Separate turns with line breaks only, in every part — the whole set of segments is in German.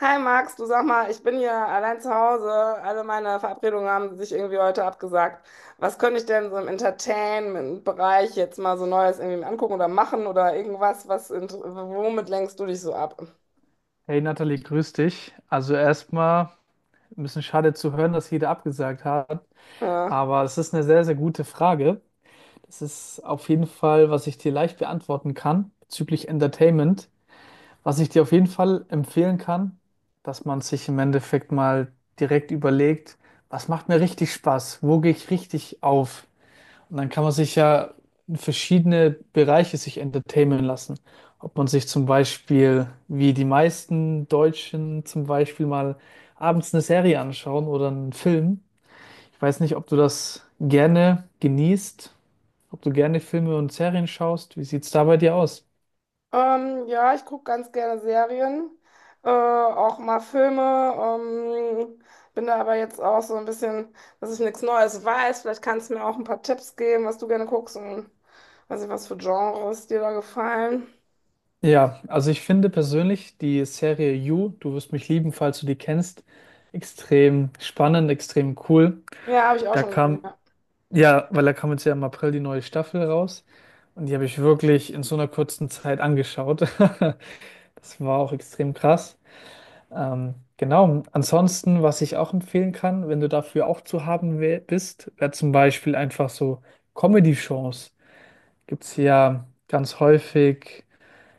Hi Max, du sag mal, ich bin hier allein zu Hause. Alle meine Verabredungen haben sich irgendwie heute abgesagt. Was könnte ich denn so im Entertainment-Bereich jetzt mal so Neues irgendwie angucken oder machen oder irgendwas, womit lenkst du dich so ab?
Hey Nathalie, grüß dich. Also erstmal ein bisschen schade zu hören, dass jeder abgesagt hat,
Ja,
aber es ist eine sehr, sehr gute Frage. Das ist auf jeden Fall, was ich dir leicht beantworten kann bezüglich Entertainment. Was ich dir auf jeden Fall empfehlen kann, dass man sich im Endeffekt mal direkt überlegt, was macht mir richtig Spaß? Wo gehe ich richtig auf? Und dann kann man sich ja in verschiedene Bereiche sich entertainen lassen. Ob man sich zum Beispiel, wie die meisten Deutschen zum Beispiel mal abends eine Serie anschauen oder einen Film. Ich weiß nicht, ob du das gerne genießt, ob du gerne Filme und Serien schaust. Wie sieht's da bei dir aus?
ja ich gucke ganz gerne Serien, auch mal Filme. Bin da aber jetzt auch so ein bisschen, dass ich nichts Neues weiß. Vielleicht kannst du mir auch ein paar Tipps geben, was du gerne guckst und weiß nicht, was für Genres dir da gefallen.
Ja, also ich finde persönlich die Serie You, du wirst mich lieben, falls du die kennst, extrem spannend, extrem cool.
Ja, habe ich auch
Da
schon gesehen.
kam
Ja.
Ja, weil da kam jetzt ja im April die neue Staffel raus und die habe ich wirklich in so einer kurzen Zeit angeschaut. Das war auch extrem krass. Genau. Ansonsten, was ich auch empfehlen kann, wenn du dafür auch zu haben bist, wäre zum Beispiel einfach so Comedy-Shows. Gibt es ja ganz häufig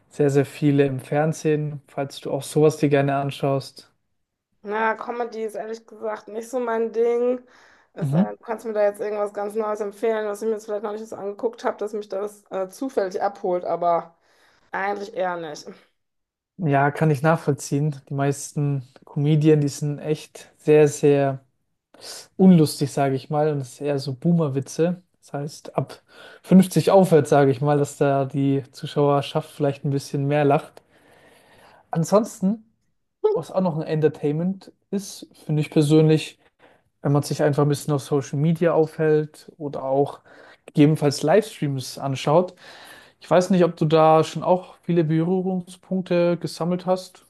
sehr, sehr viele im Fernsehen, falls du auch sowas dir gerne anschaust.
Na, Comedy ist ehrlich gesagt nicht so mein Ding. Es sei denn,
Mhm.
du kannst mir da jetzt irgendwas ganz Neues empfehlen, was ich mir jetzt vielleicht noch nicht so angeguckt habe, dass mich das zufällig abholt, aber eigentlich eher nicht.
Ja, kann ich nachvollziehen. Die meisten Comedien, die sind echt sehr, sehr unlustig, sage ich mal, und es ist eher so Boomer-Witze. Das heißt, ab 50 aufwärts, sage ich mal, dass da die Zuschauerschaft vielleicht ein bisschen mehr lacht. Ansonsten, was auch noch ein Entertainment ist, finde ich persönlich, wenn man sich einfach ein bisschen auf Social Media aufhält oder auch gegebenenfalls Livestreams anschaut. Ich weiß nicht, ob du da schon auch viele Berührungspunkte gesammelt hast.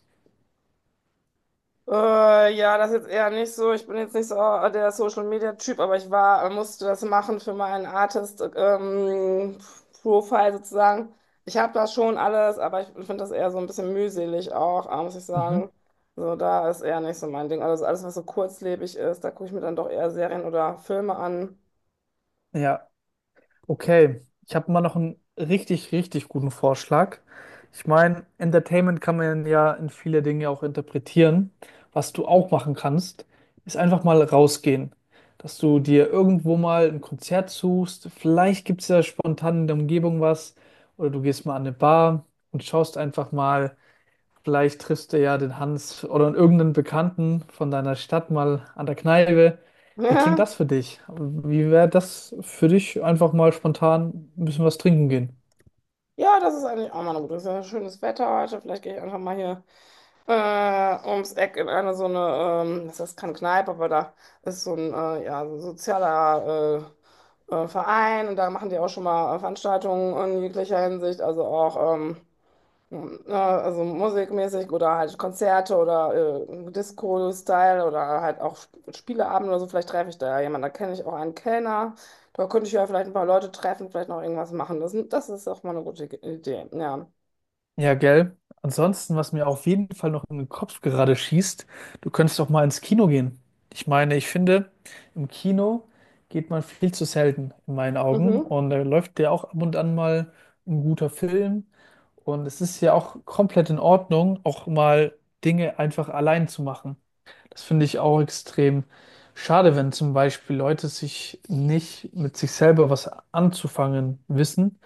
Ja, das ist jetzt eher nicht so. Ich bin jetzt nicht so der Social Media Typ, aber ich war, musste das machen für meinen Artist Profile sozusagen. Ich habe das schon alles, aber ich finde das eher so ein bisschen mühselig auch, muss ich
Mhm.
sagen. So, da ist eher nicht so mein Ding. Also so alles, was so kurzlebig ist, da gucke ich mir dann doch eher Serien oder Filme an.
Ja, okay, ich habe mal noch einen richtig, richtig guten Vorschlag. Ich meine, Entertainment kann man ja in viele Dinge auch interpretieren. Was du auch machen kannst, ist einfach mal rausgehen. Dass du dir irgendwo mal ein Konzert suchst. Vielleicht gibt es ja spontan in der Umgebung was. Oder du gehst mal an eine Bar und schaust einfach mal. Vielleicht triffst du ja den Hans oder irgendeinen Bekannten von deiner Stadt mal an der Kneipe. Wie klingt
Ja,
das für dich? Wie wäre das für dich, einfach mal spontan ein bisschen was trinken gehen?
ja, das ist eigentlich auch mal eine gute. Es ist ja schönes Wetter heute. Vielleicht gehe ich einfach mal hier ums Eck in eine so eine, das ist keine Kneipe, aber da ist so ein, ja, so ein sozialer Verein und da machen die auch schon mal Veranstaltungen in jeglicher Hinsicht, also auch also musikmäßig oder halt Konzerte oder Disco-Style oder halt auch Spieleabende oder so. Vielleicht treffe ich da ja jemanden, da kenne ich auch einen Kellner, da könnte ich ja vielleicht ein paar Leute treffen, vielleicht noch irgendwas machen. Das ist auch mal eine gute Idee, ja.
Ja, gell. Ansonsten, was mir auf jeden Fall noch in den Kopf gerade schießt, du könntest doch mal ins Kino gehen. Ich meine, ich finde, im Kino geht man viel zu selten in meinen Augen
Mhm.
und da läuft ja auch ab und an mal ein guter Film und es ist ja auch komplett in Ordnung, auch mal Dinge einfach allein zu machen. Das finde ich auch extrem schade, wenn zum Beispiel Leute sich nicht mit sich selber was anzufangen wissen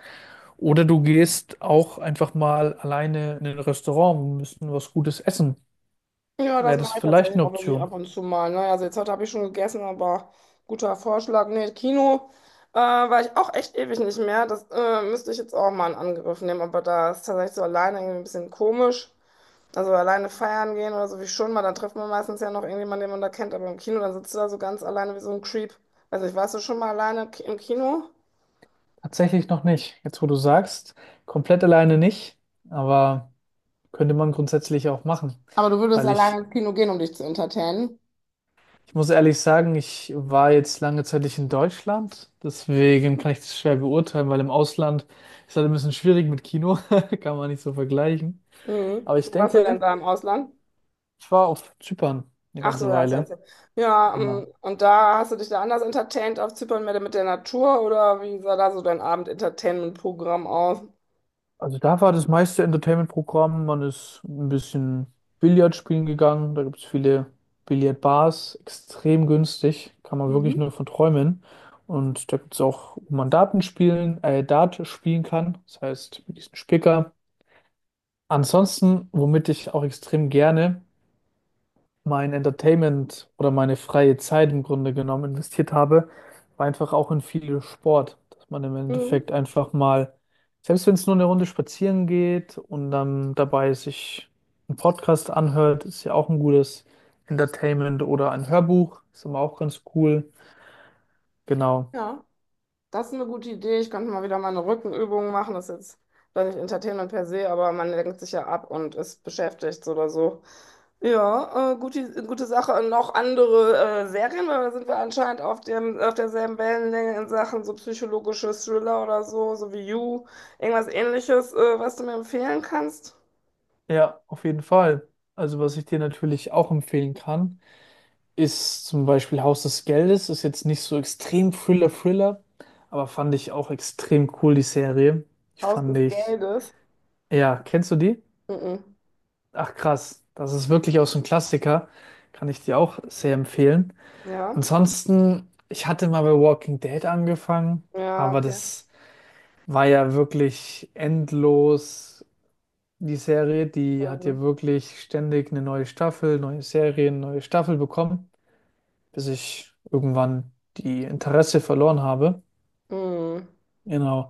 oder du gehst auch einfach mal alleine in ein Restaurant und müssen was Gutes essen.
Ja, das
Wäre das
mache ich
vielleicht
tatsächlich
eine
auch wirklich ab
Option?
und zu mal. Ne? Also jetzt heute habe ich schon gegessen, aber guter Vorschlag. Nee, Kino war ich auch echt ewig nicht mehr. Das müsste ich jetzt auch mal in Angriff nehmen. Aber da ist tatsächlich so alleine irgendwie ein bisschen komisch. Also alleine feiern gehen oder so wie schon mal, dann trifft man meistens ja noch irgendjemanden, den man da kennt. Aber im Kino, dann sitzt du da so ganz alleine wie so ein Creep. Also ich warst du schon mal alleine im Kino?
Tatsächlich noch nicht. Jetzt, wo du sagst, komplett alleine nicht, aber könnte man grundsätzlich auch machen.
Aber du würdest
Weil
alleine
ich,
ins Kino gehen, um dich zu entertainen.
ich muss ehrlich sagen, ich war jetzt lange Zeit nicht in Deutschland, deswegen kann ich das schwer beurteilen, weil im Ausland ist halt ein bisschen schwierig mit Kino, kann man nicht so vergleichen.
Mhm.
Aber ich
Wo warst du denn
denke,
da im Ausland?
ich war auf Zypern eine
Ach so,
ganze
ja, das
Weile.
heißt, ja,
Genau.
und da hast du dich da anders entertaint auf Zypern mehr mit der Natur oder wie sah da so dein Abend-Entertainment-Programm aus?
Also da war das meiste Entertainment-Programm. Man ist ein bisschen Billard spielen gegangen. Da gibt es viele Billardbars, extrem günstig. Kann man wirklich
Mhm.
nur von träumen. Und da gibt es auch, wo man Dart spielen kann. Das heißt, mit diesem Spicker. Ansonsten, womit ich auch extrem gerne mein Entertainment oder meine freie Zeit im Grunde genommen investiert habe, war einfach auch in viel Sport, dass man im
Mhm.
Endeffekt einfach mal, selbst wenn es nur eine Runde spazieren geht und dann dabei sich einen Podcast anhört, ist ja auch ein gutes Entertainment oder ein Hörbuch, ist immer auch ganz cool. Genau.
Ja. Das ist eine gute Idee. Ich könnte mal wieder meine Rückenübungen machen. Das ist jetzt vielleicht nicht Entertainment per se, aber man lenkt sich ja ab und ist beschäftigt oder so. Ja, gute Sache. Und noch andere Serien, weil da sind wir anscheinend auf auf derselben Wellenlänge in Sachen so psychologische Thriller oder so, so wie You, irgendwas ähnliches, was du mir empfehlen kannst?
Ja, auf jeden Fall. Also was ich dir natürlich auch empfehlen kann, ist zum Beispiel Haus des Geldes, ist jetzt nicht so extrem Thriller-Thriller, aber fand ich auch extrem cool, die Serie. Ich
Haus
fand
des
ich,
Geldes.
ja, kennst du die?
Mhm.
Ach krass, das ist wirklich auch so ein Klassiker, kann ich dir auch sehr empfehlen.
Ja,
Ansonsten, ich hatte mal bei Walking Dead angefangen,
ja,
aber
okay.
das war ja wirklich endlos. Die Serie, die hat
Ähm,
ja wirklich ständig eine neue Staffel, neue Serien, neue Staffel bekommen, bis ich irgendwann die Interesse verloren habe.
hm.
Genau.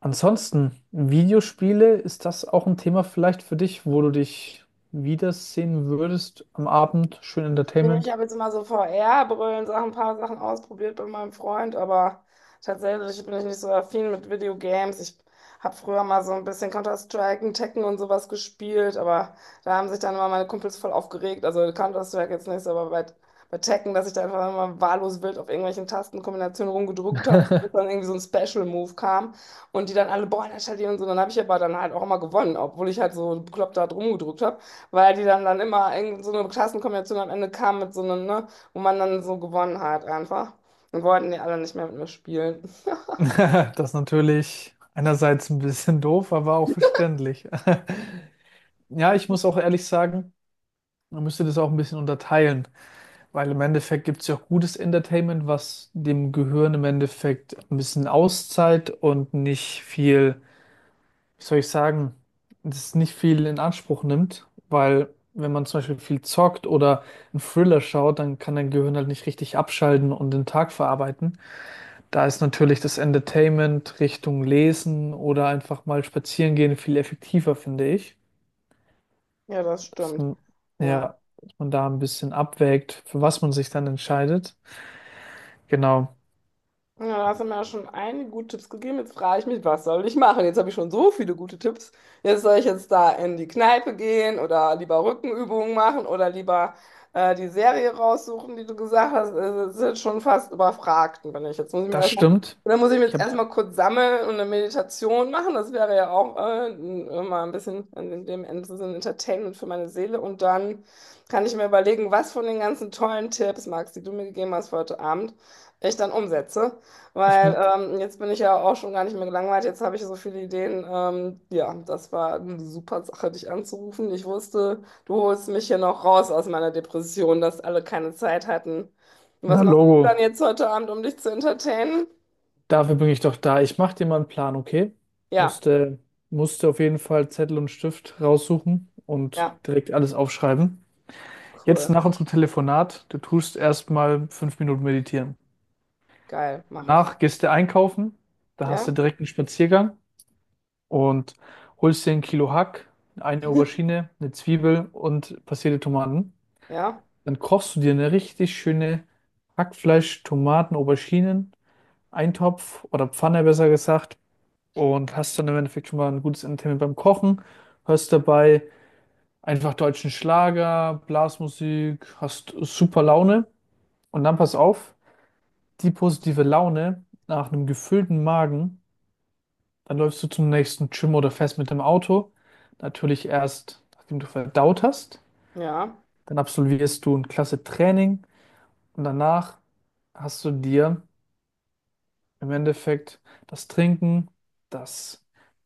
Ansonsten, Videospiele, ist das auch ein Thema vielleicht für dich, wo du dich wiedersehen würdest am Abend? Schön
Nee, ich
Entertainment.
habe jetzt immer so VR-Brillen, Sachen, ein paar Sachen ausprobiert bei meinem Freund, aber tatsächlich bin ich nicht so affin mit Videogames. Ich habe früher mal so ein bisschen Counter-Strike und Tekken und sowas gespielt, aber da haben sich dann immer meine Kumpels voll aufgeregt. Also Counter-Strike jetzt nicht so, aber bei Tekken, dass ich da einfach immer wahllos wild auf irgendwelchen Tastenkombinationen rumgedrückt habe und dann irgendwie so ein Special-Move kam und die dann alle, boah, installieren und so. Dann habe ich aber dann halt auch immer gewonnen, obwohl ich halt so bekloppt da rumgedrückt habe. Weil die dann immer in so eine Klassenkombination am Ende kam mit so einem, ne, wo man dann so gewonnen hat einfach. Und wollten die alle nicht mehr mit mir spielen.
Das ist natürlich einerseits ein bisschen doof, aber auch verständlich. Ja, ich muss auch ehrlich sagen, man müsste das auch ein bisschen unterteilen, weil im Endeffekt gibt es ja auch gutes Entertainment, was dem Gehirn im Endeffekt ein bisschen Auszeit und nicht viel, wie soll ich sagen, das nicht viel in Anspruch nimmt, weil wenn man zum Beispiel viel zockt oder einen Thriller schaut, dann kann dein Gehirn halt nicht richtig abschalten und den Tag verarbeiten. Da ist natürlich das Entertainment Richtung Lesen oder einfach mal spazieren gehen viel effektiver, finde ich.
Ja, das
Dass
stimmt.
man,
Ja.
ja, dass man da ein bisschen abwägt, für was man sich dann entscheidet. Genau,
Ja, da hast du mir ja schon einige gute Tipps gegeben. Jetzt frage ich mich, was soll ich machen? Jetzt habe ich schon so viele gute Tipps. Jetzt soll ich jetzt da in die Kneipe gehen oder lieber Rückenübungen machen oder lieber die Serie raussuchen, die du gesagt hast. Also, das ist jetzt schon fast überfragt, und wenn ich. Jetzt muss ich mir
das
erstmal,
stimmt.
dann muss ich mir
Ich
jetzt
habe,
erstmal kurz sammeln und eine Meditation machen. Das wäre ja auch mal ein bisschen in dem Ende so ein Entertainment für meine Seele. Und dann kann ich mir überlegen, was von den ganzen tollen Tipps, Max, die du mir gegeben hast für heute Abend, ich dann umsetze.
ich,
Weil jetzt bin ich ja auch schon gar nicht mehr gelangweilt. Jetzt habe ich so viele Ideen. Ja, das war eine super Sache, dich anzurufen. Ich wusste, du holst mich hier noch raus aus meiner Depression, dass alle keine Zeit hatten. Und was
na
machst du dann
Logo.
jetzt heute Abend, um dich zu entertainen?
Dafür bin ich doch da. Ich mache dir mal einen Plan, okay?
Ja,
Musste, musste auf jeden Fall Zettel und Stift raussuchen und
ja,
direkt alles aufschreiben. Jetzt
cool,
nach unserem Telefonat, du tust erstmal 5 Minuten meditieren.
geil, mache ich.
Danach gehst du einkaufen, da hast
Ja,
du direkt einen Spaziergang und holst dir ein Kilo Hack, eine Aubergine, eine Zwiebel und passierte Tomaten.
ja,
Dann kochst du dir eine richtig schöne Hackfleisch-, Tomaten-, Auberginen, Eintopf oder Pfanne besser gesagt und hast dann im Endeffekt schon mal ein gutes Entertainment beim Kochen, hörst dabei einfach deutschen Schlager, Blasmusik, hast super Laune und dann pass auf, die positive Laune nach einem gefüllten Magen, dann läufst du zum nächsten Gym oder fährst mit dem Auto, natürlich erst, nachdem du verdaut hast,
ja.
dann absolvierst du ein klasse Training und danach hast du dir im Endeffekt das Trinken, das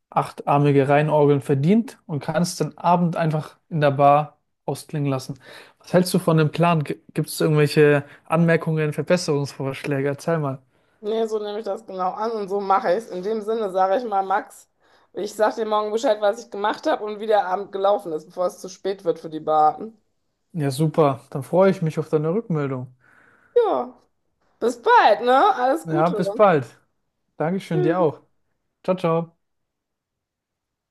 achtarmige Reinorgeln verdient und kannst den Abend einfach in der Bar ausklingen lassen. Was hältst du von dem Plan? Gibt es irgendwelche Anmerkungen, Verbesserungsvorschläge? Erzähl mal.
Nee, so nehme ich das genau an und so mache ich es. In dem Sinne sage ich mal, Max, ich sage dir morgen Bescheid, was ich gemacht habe und wie der Abend gelaufen ist, bevor es zu spät wird für die Bar.
Ja, super. Dann freue ich mich auf deine Rückmeldung.
Ja, bis bald, ne? Alles
Ja,
Gute.
bis bald. Dankeschön dir
Tschüss.
auch. Ciao, ciao.